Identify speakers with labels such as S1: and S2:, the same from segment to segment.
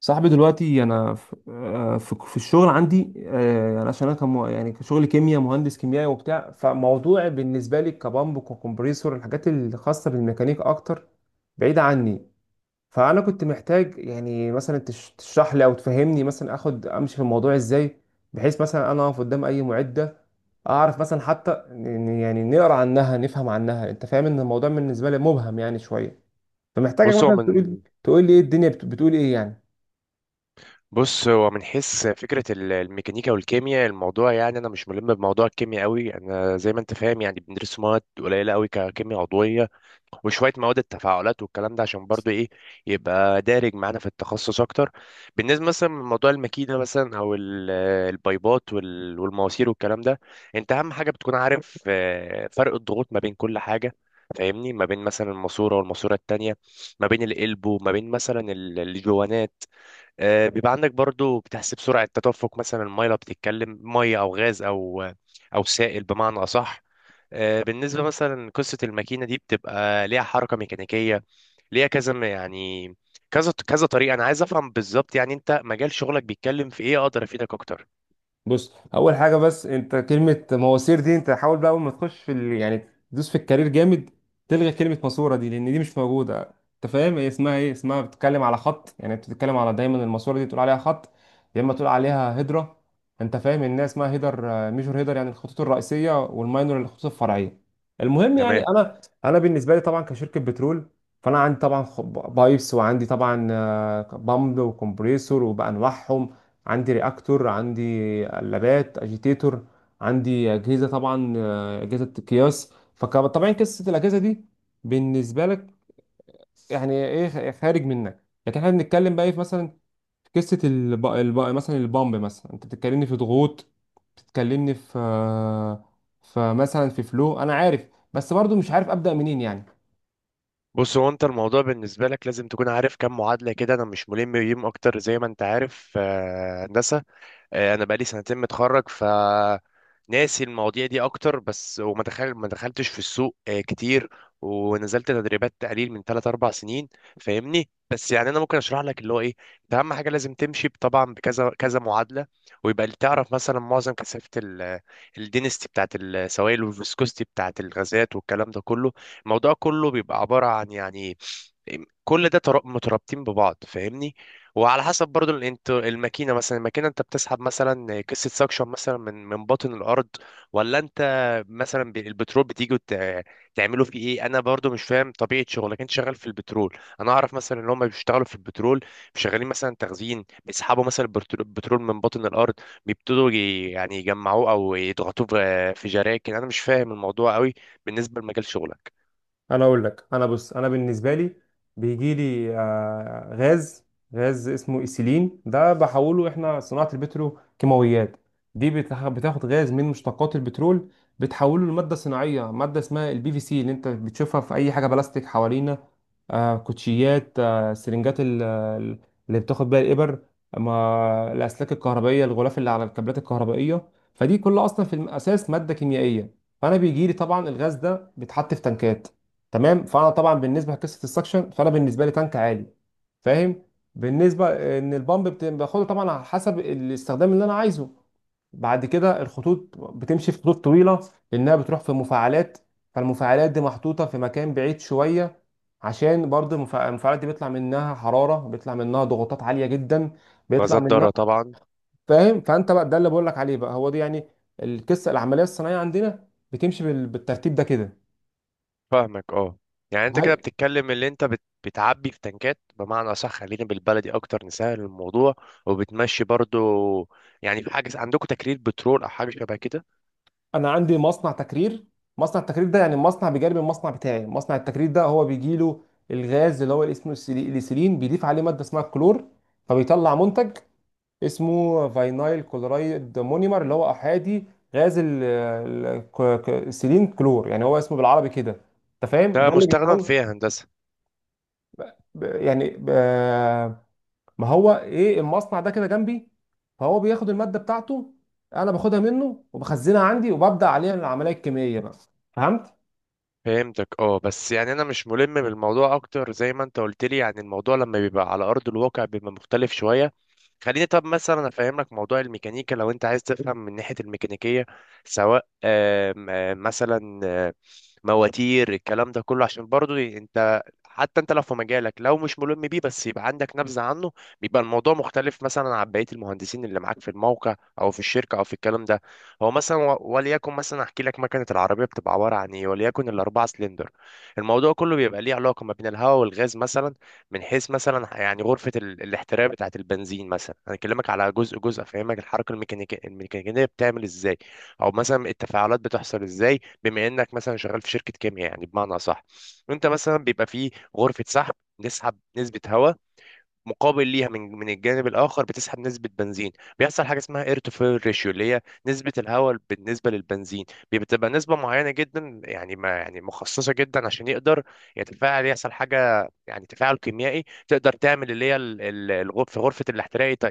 S1: صاحبي دلوقتي انا في الشغل عندي، يعني عشان انا كم، يعني كشغل كيمياء، مهندس كيميائي وبتاع، فموضوع بالنسبه لي كبامب وكمبريسور، الحاجات الخاصه بالميكانيك اكتر بعيده عني. فانا كنت محتاج يعني مثلا تشرح لي او تفهمني مثلا اخد امشي في الموضوع ازاي، بحيث مثلا انا اقف قدام اي معده اعرف مثلا يعني نقرا عنها نفهم عنها. انت فاهم ان الموضوع بالنسبه لي مبهم يعني شويه، فمحتاجك
S2: بص هو
S1: مثلا تقول
S2: من
S1: تقول لي ايه الدنيا بتقول ايه يعني.
S2: بص هو من حيث فكرة الميكانيكا والكيمياء الموضوع يعني أنا مش ملم بموضوع الكيمياء قوي، أنا زي ما أنت فاهم يعني بندرس مواد قليلة قوي ككيمياء عضوية وشوية مواد التفاعلات والكلام ده عشان برضو إيه، يبقى دارج معانا في التخصص أكتر. بالنسبة مثلا لموضوع الماكينة مثلا أو البايبات والمواسير والكلام ده، أنت أهم حاجة بتكون عارف فرق الضغوط ما بين كل حاجة، فاهمني، ما بين مثلا الماسورة والماسورة التانية، ما بين القلب وما بين مثلا الجوانات. بيبقى عندك برضو بتحسب سرعة تدفق مثلا المية، لو بتتكلم مية أو غاز أو أو سائل بمعنى أصح. بالنسبة مثلا قصة الماكينة دي بتبقى ليها حركة ميكانيكية، ليها يعني كذا كذا طريقة. أنا عايز أفهم بالظبط يعني أنت مجال شغلك بيتكلم في إيه أقدر أفيدك أكتر.
S1: بص، اول حاجه بس، انت كلمه مواسير دي، انت حاول بقى اول ما تخش يعني تدوس في الكارير جامد، تلغي كلمه ماسوره دي، لان دي مش موجوده. انت فاهم هي اسمها ايه؟ اسمها، بتتكلم على خط، يعني انت بتتكلم على دايما الماسوره دي تقول عليها خط، يا اما تقول عليها هيدرا. انت فاهم الناس اسمها هيدر، ميجور هيدر، يعني الخطوط الرئيسيه، والماينور الخطوط الفرعيه. المهم، يعني
S2: تمام.
S1: انا بالنسبه لي طبعا كشركه بترول، فانا عندي طبعا بايبس، وعندي طبعا بامب وكمبريسور وبانواعهم، عندي رياكتور، عندي قلابات اجيتيتور، عندي اجهزه طبعا، اجهزه قياس. فطبعا قصه الاجهزه دي بالنسبه لك يعني ايه خارج منك، لكن احنا بنتكلم بقى إيه في مثلا، في قصه مثلا البامب، مثلا انت بتتكلمني في ضغوط، بتتكلمني في، فمثلا في فلو، انا عارف بس برضو مش عارف ابدا منين يعني.
S2: بص هو أنت الموضوع بالنسبة لك لازم تكون عارف كم معادلة كده، أنا مش ملم بيهم أكتر زي ما أنت عارف، هندسة. انا بقالي 2 سنين متخرج ف ناسي المواضيع دي اكتر، بس وما دخل ما دخلتش في السوق كتير، ونزلت تدريبات تقليل من 3 4 سنين. فاهمني، بس يعني انا ممكن اشرح لك اللي هو ايه. انت اهم حاجه لازم تمشي طبعا بكذا كذا معادله، ويبقى اللي تعرف مثلا معظم كثافه الدينستي بتاعت السوائل والفيسكوستي بتاعت الغازات والكلام ده كله. الموضوع كله بيبقى عباره عن يعني كل ده مترابطين ببعض، فاهمني. وعلى حسب برضو ال- انت الماكينه مثلا الماكينه انت بتسحب مثلا قصه سكشن مثلا من باطن الارض، ولا انت مثلا البترول بتيجي تعملوا فيه ايه. انا برضو مش فاهم طبيعه شغلك، انت شغال في البترول. انا اعرف مثلا ان هم بيشتغلوا في البترول، شغالين مثلا تخزين، بيسحبوا مثلا البترول من باطن الارض، بيبتدوا يعني يجمعوه او يضغطوه في جراكن. انا مش فاهم الموضوع قوي بالنسبه لمجال شغلك.
S1: انا اقول لك، انا، بص، انا بالنسبه لي بيجي لي غاز. غاز اسمه ايثيلين، ده بحوله احنا صناعه البترو كيماويات، دي بتاخد غاز من مشتقات البترول، بتحوله لماده صناعيه، ماده اسمها البي في سي، اللي انت بتشوفها في اي حاجه بلاستيك حوالينا. كوتشيات، سرنجات، اللي بتاخد بيها الابر، ما الاسلاك الكهربائيه، الغلاف اللي على الكابلات الكهربائيه، فدي كلها اصلا في الاساس ماده كيميائيه. فانا بيجي لي طبعا الغاز ده، بيتحط في تنكات، تمام. فانا طبعا بالنسبه لقصه السكشن، فانا بالنسبه لي تانك عالي، فاهم. بالنسبه ان البامب باخده طبعا على حسب الاستخدام اللي انا عايزه، بعد كده الخطوط بتمشي في خطوط طويله، لانها بتروح في مفاعلات. فالمفاعلات دي محطوطه في مكان بعيد شويه، عشان برضه المفاعلات دي بيطلع منها حراره، بيطلع منها ضغوطات عاليه جدا، بيطلع
S2: غازات
S1: منها.
S2: ضاره طبعا.
S1: فاهم؟ فانت بقى ده اللي بقول لك عليه، بقى هو دي يعني القصه العمليه الصناعيه عندنا، بتمشي بالترتيب ده كده.
S2: فاهمك اه. يعني انت كده بتتكلم اللي انت بتعبي في تنكات بمعنى صح، خلينا بالبلدي اكتر نسهل الموضوع، وبتمشي برضو. يعني في حاجه عندكم تكرير بترول او حاجه شبه كده؟
S1: انا عندي مصنع تكرير. مصنع التكرير ده يعني مصنع بجانب المصنع بتاعي. مصنع التكرير ده هو بيجي له الغاز، اللي هو الاسم اليسيلين، بيضيف عليه ماده اسمها الكلور، فبيطلع منتج اسمه فاينايل كلورايد مونيمر، اللي هو احادي غاز السيلين كلور، يعني هو اسمه بالعربي كده. انت فاهم
S2: ده
S1: ده اللي
S2: مستخدم
S1: بيتحول،
S2: في هندسه.
S1: ب- يعني ب- ما هو ايه المصنع ده كده جنبي، فهو بياخد الماده بتاعته، انا باخدها منه وبخزنها عندي، وببدا عليها العمليه الكيميائيه بقى، فهمت.
S2: فهمتك اه، بس يعني انا مش ملم بالموضوع اكتر زي ما انت قلت لي، يعني الموضوع لما بيبقى على ارض الواقع بيبقى مختلف شويه. خليني طب مثلا افهمك موضوع الميكانيكا لو انت عايز تفهم من ناحيه الميكانيكيه، سواء آم، آم، مثلا آم، مواتير الكلام ده كله، عشان برضو انت حتى انت لو في مجالك لو مش ملم بيه بس يبقى عندك نبذه عنه، بيبقى الموضوع مختلف مثلا عن بقيه المهندسين اللي معاك في الموقع او في الشركه او في الكلام ده. هو مثلا وليكن مثلا احكي لك مكنه العربيه بتبقى عباره عن ايه، وليكن الاربعه سلندر. الموضوع كله بيبقى ليه علاقه ما بين الهواء والغاز مثلا، من حيث مثلا يعني غرفه الاحتراق بتاعه البنزين مثلا. انا اكلمك على جزء جزء افهمك الحركه الميكانيكيه، الميكانيكيه بتعمل ازاي، او مثلا التفاعلات بتحصل ازاي، بما انك مثلا شغال في شركه كيمياء يعني بمعنى صح. انت مثلا بيبقى في غرفه سحب نسحب نسبة هواء، مقابل ليها من الجانب الاخر بتسحب نسبه بنزين، بيحصل حاجه اسمها اير تو فويل ريشيو اللي هي نسبه الهواء بالنسبه للبنزين. بتبقى نسبه معينه جدا، يعني ما يعني مخصصه جدا عشان يقدر يتفاعل، يحصل حاجه يعني تفاعل كيميائي تقدر تعمل اللي هي الغرف في غرفه الاحتراق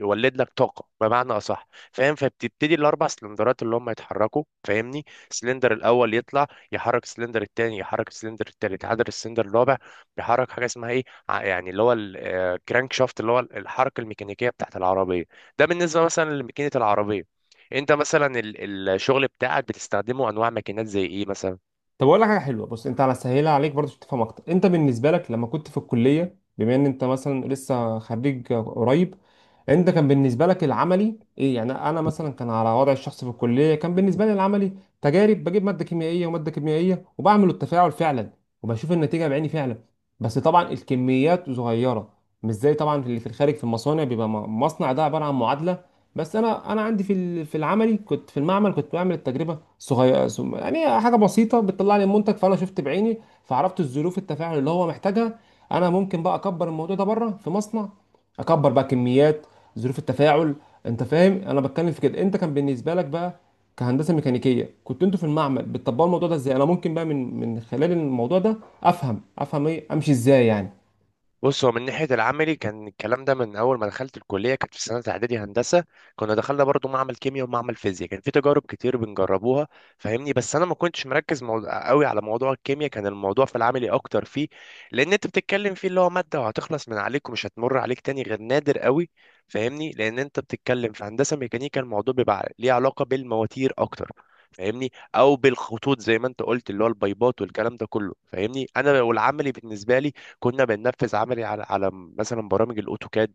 S2: يولد لك طاقه بمعنى اصح، فاهم. فبتبتدي الاربع سلندرات اللي هم يتحركوا فاهمني، السلندر الاول يطلع يحرك السلندر الثاني، يحرك السلندر الثالث، عدد السلندر الرابع بيحرك حاجه اسمها ايه، يعني اللي هو الكرانك شافت اللي هو الحركه الميكانيكيه بتاعت العربيه. ده بالنسبه مثلا لماكينه العربيه. انت مثلا الشغل بتاعك بتستخدمه انواع ماكينات زي ايه مثلا؟
S1: طب اقول لك حاجه حلوه، بص انت على سهيلها عليك برضه عشان تفهم اكتر. انت بالنسبه لك لما كنت في الكليه، بما ان انت مثلا لسه خريج قريب، انت كان بالنسبه لك العملي ايه يعني؟ انا مثلا، كان على وضع الشخص في الكليه، كان بالنسبه لي العملي تجارب، بجيب ماده كيميائيه وماده كيميائيه، وبعمل التفاعل فعلا، وبشوف النتيجه بعيني فعلا. بس طبعا الكميات صغيره، مش زي طبعا اللي في الخارج في المصانع، بيبقى مصنع ده عباره عن معادله. بس انا عندي في العملي، كنت في المعمل، كنت بعمل التجربه يعني حاجه بسيطه بتطلع لي المنتج، فانا شفت بعيني، فعرفت الظروف التفاعل اللي هو محتاجها. انا ممكن بقى اكبر الموضوع ده بره في مصنع، اكبر بقى كميات، ظروف التفاعل. انت فاهم انا بتكلم في كده؟ انت كان بالنسبه لك بقى كهندسه ميكانيكيه، كنت انتوا في المعمل بتطبقوا الموضوع ده ازاي، انا ممكن بقى من خلال الموضوع ده افهم ايه امشي ازاي يعني.
S2: بص هو من ناحية العملي كان الكلام ده من أول ما دخلت الكلية كانت في سنة إعدادي هندسة، كنا دخلنا برضو معمل كيمياء ومعمل فيزياء، كان في تجارب كتير بنجربوها فاهمني، بس أنا ما كنتش مركز موضوع قوي على موضوع الكيمياء، كان الموضوع في العملي أكتر فيه. لأن أنت بتتكلم فيه اللي هو مادة وهتخلص من عليك ومش هتمر عليك تاني غير نادر قوي، فاهمني، لأن أنت بتتكلم في هندسة ميكانيكا الموضوع بيبقى ليه علاقة بالمواتير أكتر، فاهمني، او بالخطوط زي ما انت قلت اللي هو البايبات والكلام ده كله، فاهمني. انا والعملي بالنسبه لي كنا بننفذ عملي على مثلا برامج الاوتوكاد،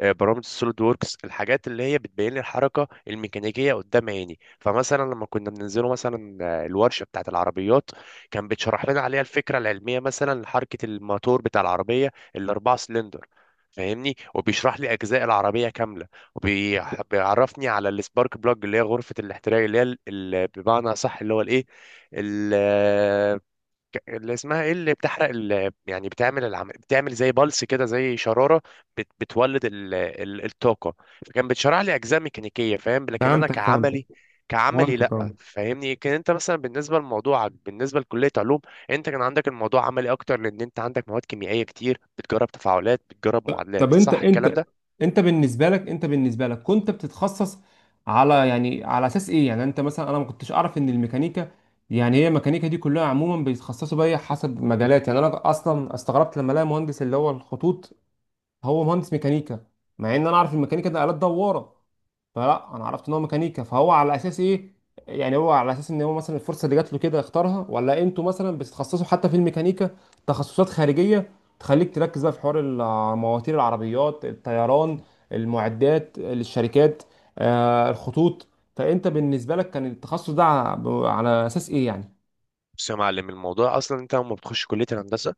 S2: برامج السوليد ووركس، الحاجات اللي هي بتبين لي الحركه الميكانيكيه قدام عيني. فمثلا لما كنا بننزله مثلا الورشه بتاعه العربيات، كان بيتشرح لنا عليها الفكره العلميه مثلا لحركه الموتور بتاع العربيه الاربعه سلندر، فاهمني، وبيشرح لي اجزاء العربيه كامله، وبيعرفني على السبارك بلاج اللي هي غرفه الاحتراق اللي هي بمعنى صح اللي هو الايه، اللي اسمها ايه، اللي بتحرق يعني بتعمل بتعمل زي بلس كده زي شراره، بتولد الطاقه. فكان بتشرح لي اجزاء ميكانيكيه فاهم، لكن انا
S1: فهمتك، فهمتك،
S2: كعملي، كعملي لا.
S1: فهمتك، اه.
S2: فاهمني، كان انت مثلا بالنسبه لموضوعك بالنسبه لكليه علوم، انت كان عندك الموضوع عملي اكتر، لان انت عندك مواد كيميائيه كتير بتجرب تفاعلات، بتجرب
S1: طب
S2: معادلات،
S1: انت
S2: صح الكلام
S1: انت
S2: ده؟
S1: انت بالنسبه لك انت بالنسبه لك كنت بتتخصص على، يعني على اساس ايه يعني؟ انت مثلا، انا ما كنتش اعرف ان الميكانيكا، يعني هي الميكانيكا دي كلها عموما بيتخصصوا بيها حسب مجالات، يعني انا اصلا استغربت لما الاقي مهندس اللي هو الخطوط، هو مهندس ميكانيكا، مع ان انا اعرف الميكانيكا ده آلات دواره. فلا، انا عرفت ان هو ميكانيكا، فهو على اساس ايه؟ يعني هو على اساس ان هو مثلا الفرصه اللي جات له كده اختارها، ولا انتوا مثلا بتتخصصوا حتى في الميكانيكا تخصصات خارجيه تخليك تركز بقى في حوار مواتير العربيات، الطيران، المعدات للشركات، الخطوط. فانت بالنسبه لك كان التخصص ده على اساس ايه يعني؟
S2: بص يا معلم الموضوع اصلا انت لما بتخش كليه الهندسه،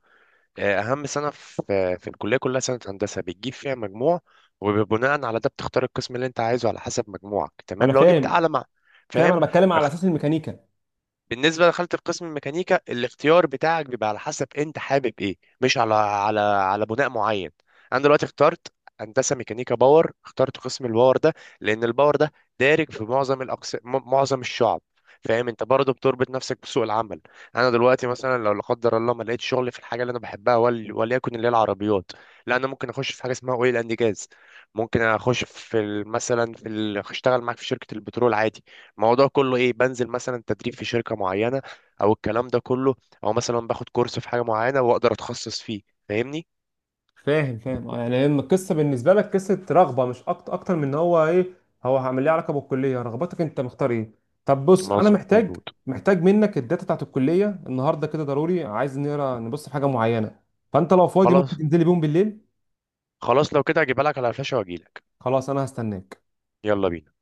S2: اهم سنه في الكليه كلها سنه هندسه بتجيب فيها مجموع، وبناء على ده بتختار القسم اللي انت عايزه على حسب مجموعك. تمام
S1: انا
S2: لو جبت
S1: فاهم،
S2: اعلى مع
S1: فاهم.
S2: فاهم.
S1: انا بتكلم على اساس الميكانيكا.
S2: بالنسبه لخانه القسم الميكانيكا، الاختيار بتاعك بيبقى على حسب انت حابب ايه، مش على بناء معين. انا دلوقتي اخترت هندسه ميكانيكا باور، اخترت قسم الباور ده لان الباور ده دارج في معظم الاقسام، معظم الشعب، فاهم. انت برضه بتربط نفسك بسوق العمل. انا دلوقتي مثلا لو لا قدر الله ما لقيتش شغل في الحاجه اللي انا بحبها وليكن اللي هي العربيات، لا انا ممكن اخش في حاجه اسمها اويل اند جاز، ممكن اخش في اشتغل معاك في شركه البترول عادي. الموضوع كله ايه، بنزل مثلا تدريب في شركة معينة او الكلام ده كله، او مثلا باخد كورس في حاجة معينة واقدر اتخصص فيه، فاهمني.
S1: فاهم، فاهم، يعني لما القصه بالنسبه لك قصه رغبه مش اكتر، اكتر من ان هو ايه هو هعمل ليه علاقه بالكليه، رغبتك انت مختار ايه. طب بص، انا محتاج
S2: مظبوط.
S1: محتاج منك الداتا بتاعت الكليه النهارده كده ضروري، عايز نقرا نبص في حاجه معينه. فانت لو فاضي ممكن
S2: خلاص،
S1: تنزلي بيهم بالليل.
S2: خلاص لو كده هجيبها لك على فلاشة واجيلك.
S1: خلاص، انا هستناك.
S2: يلا بينا.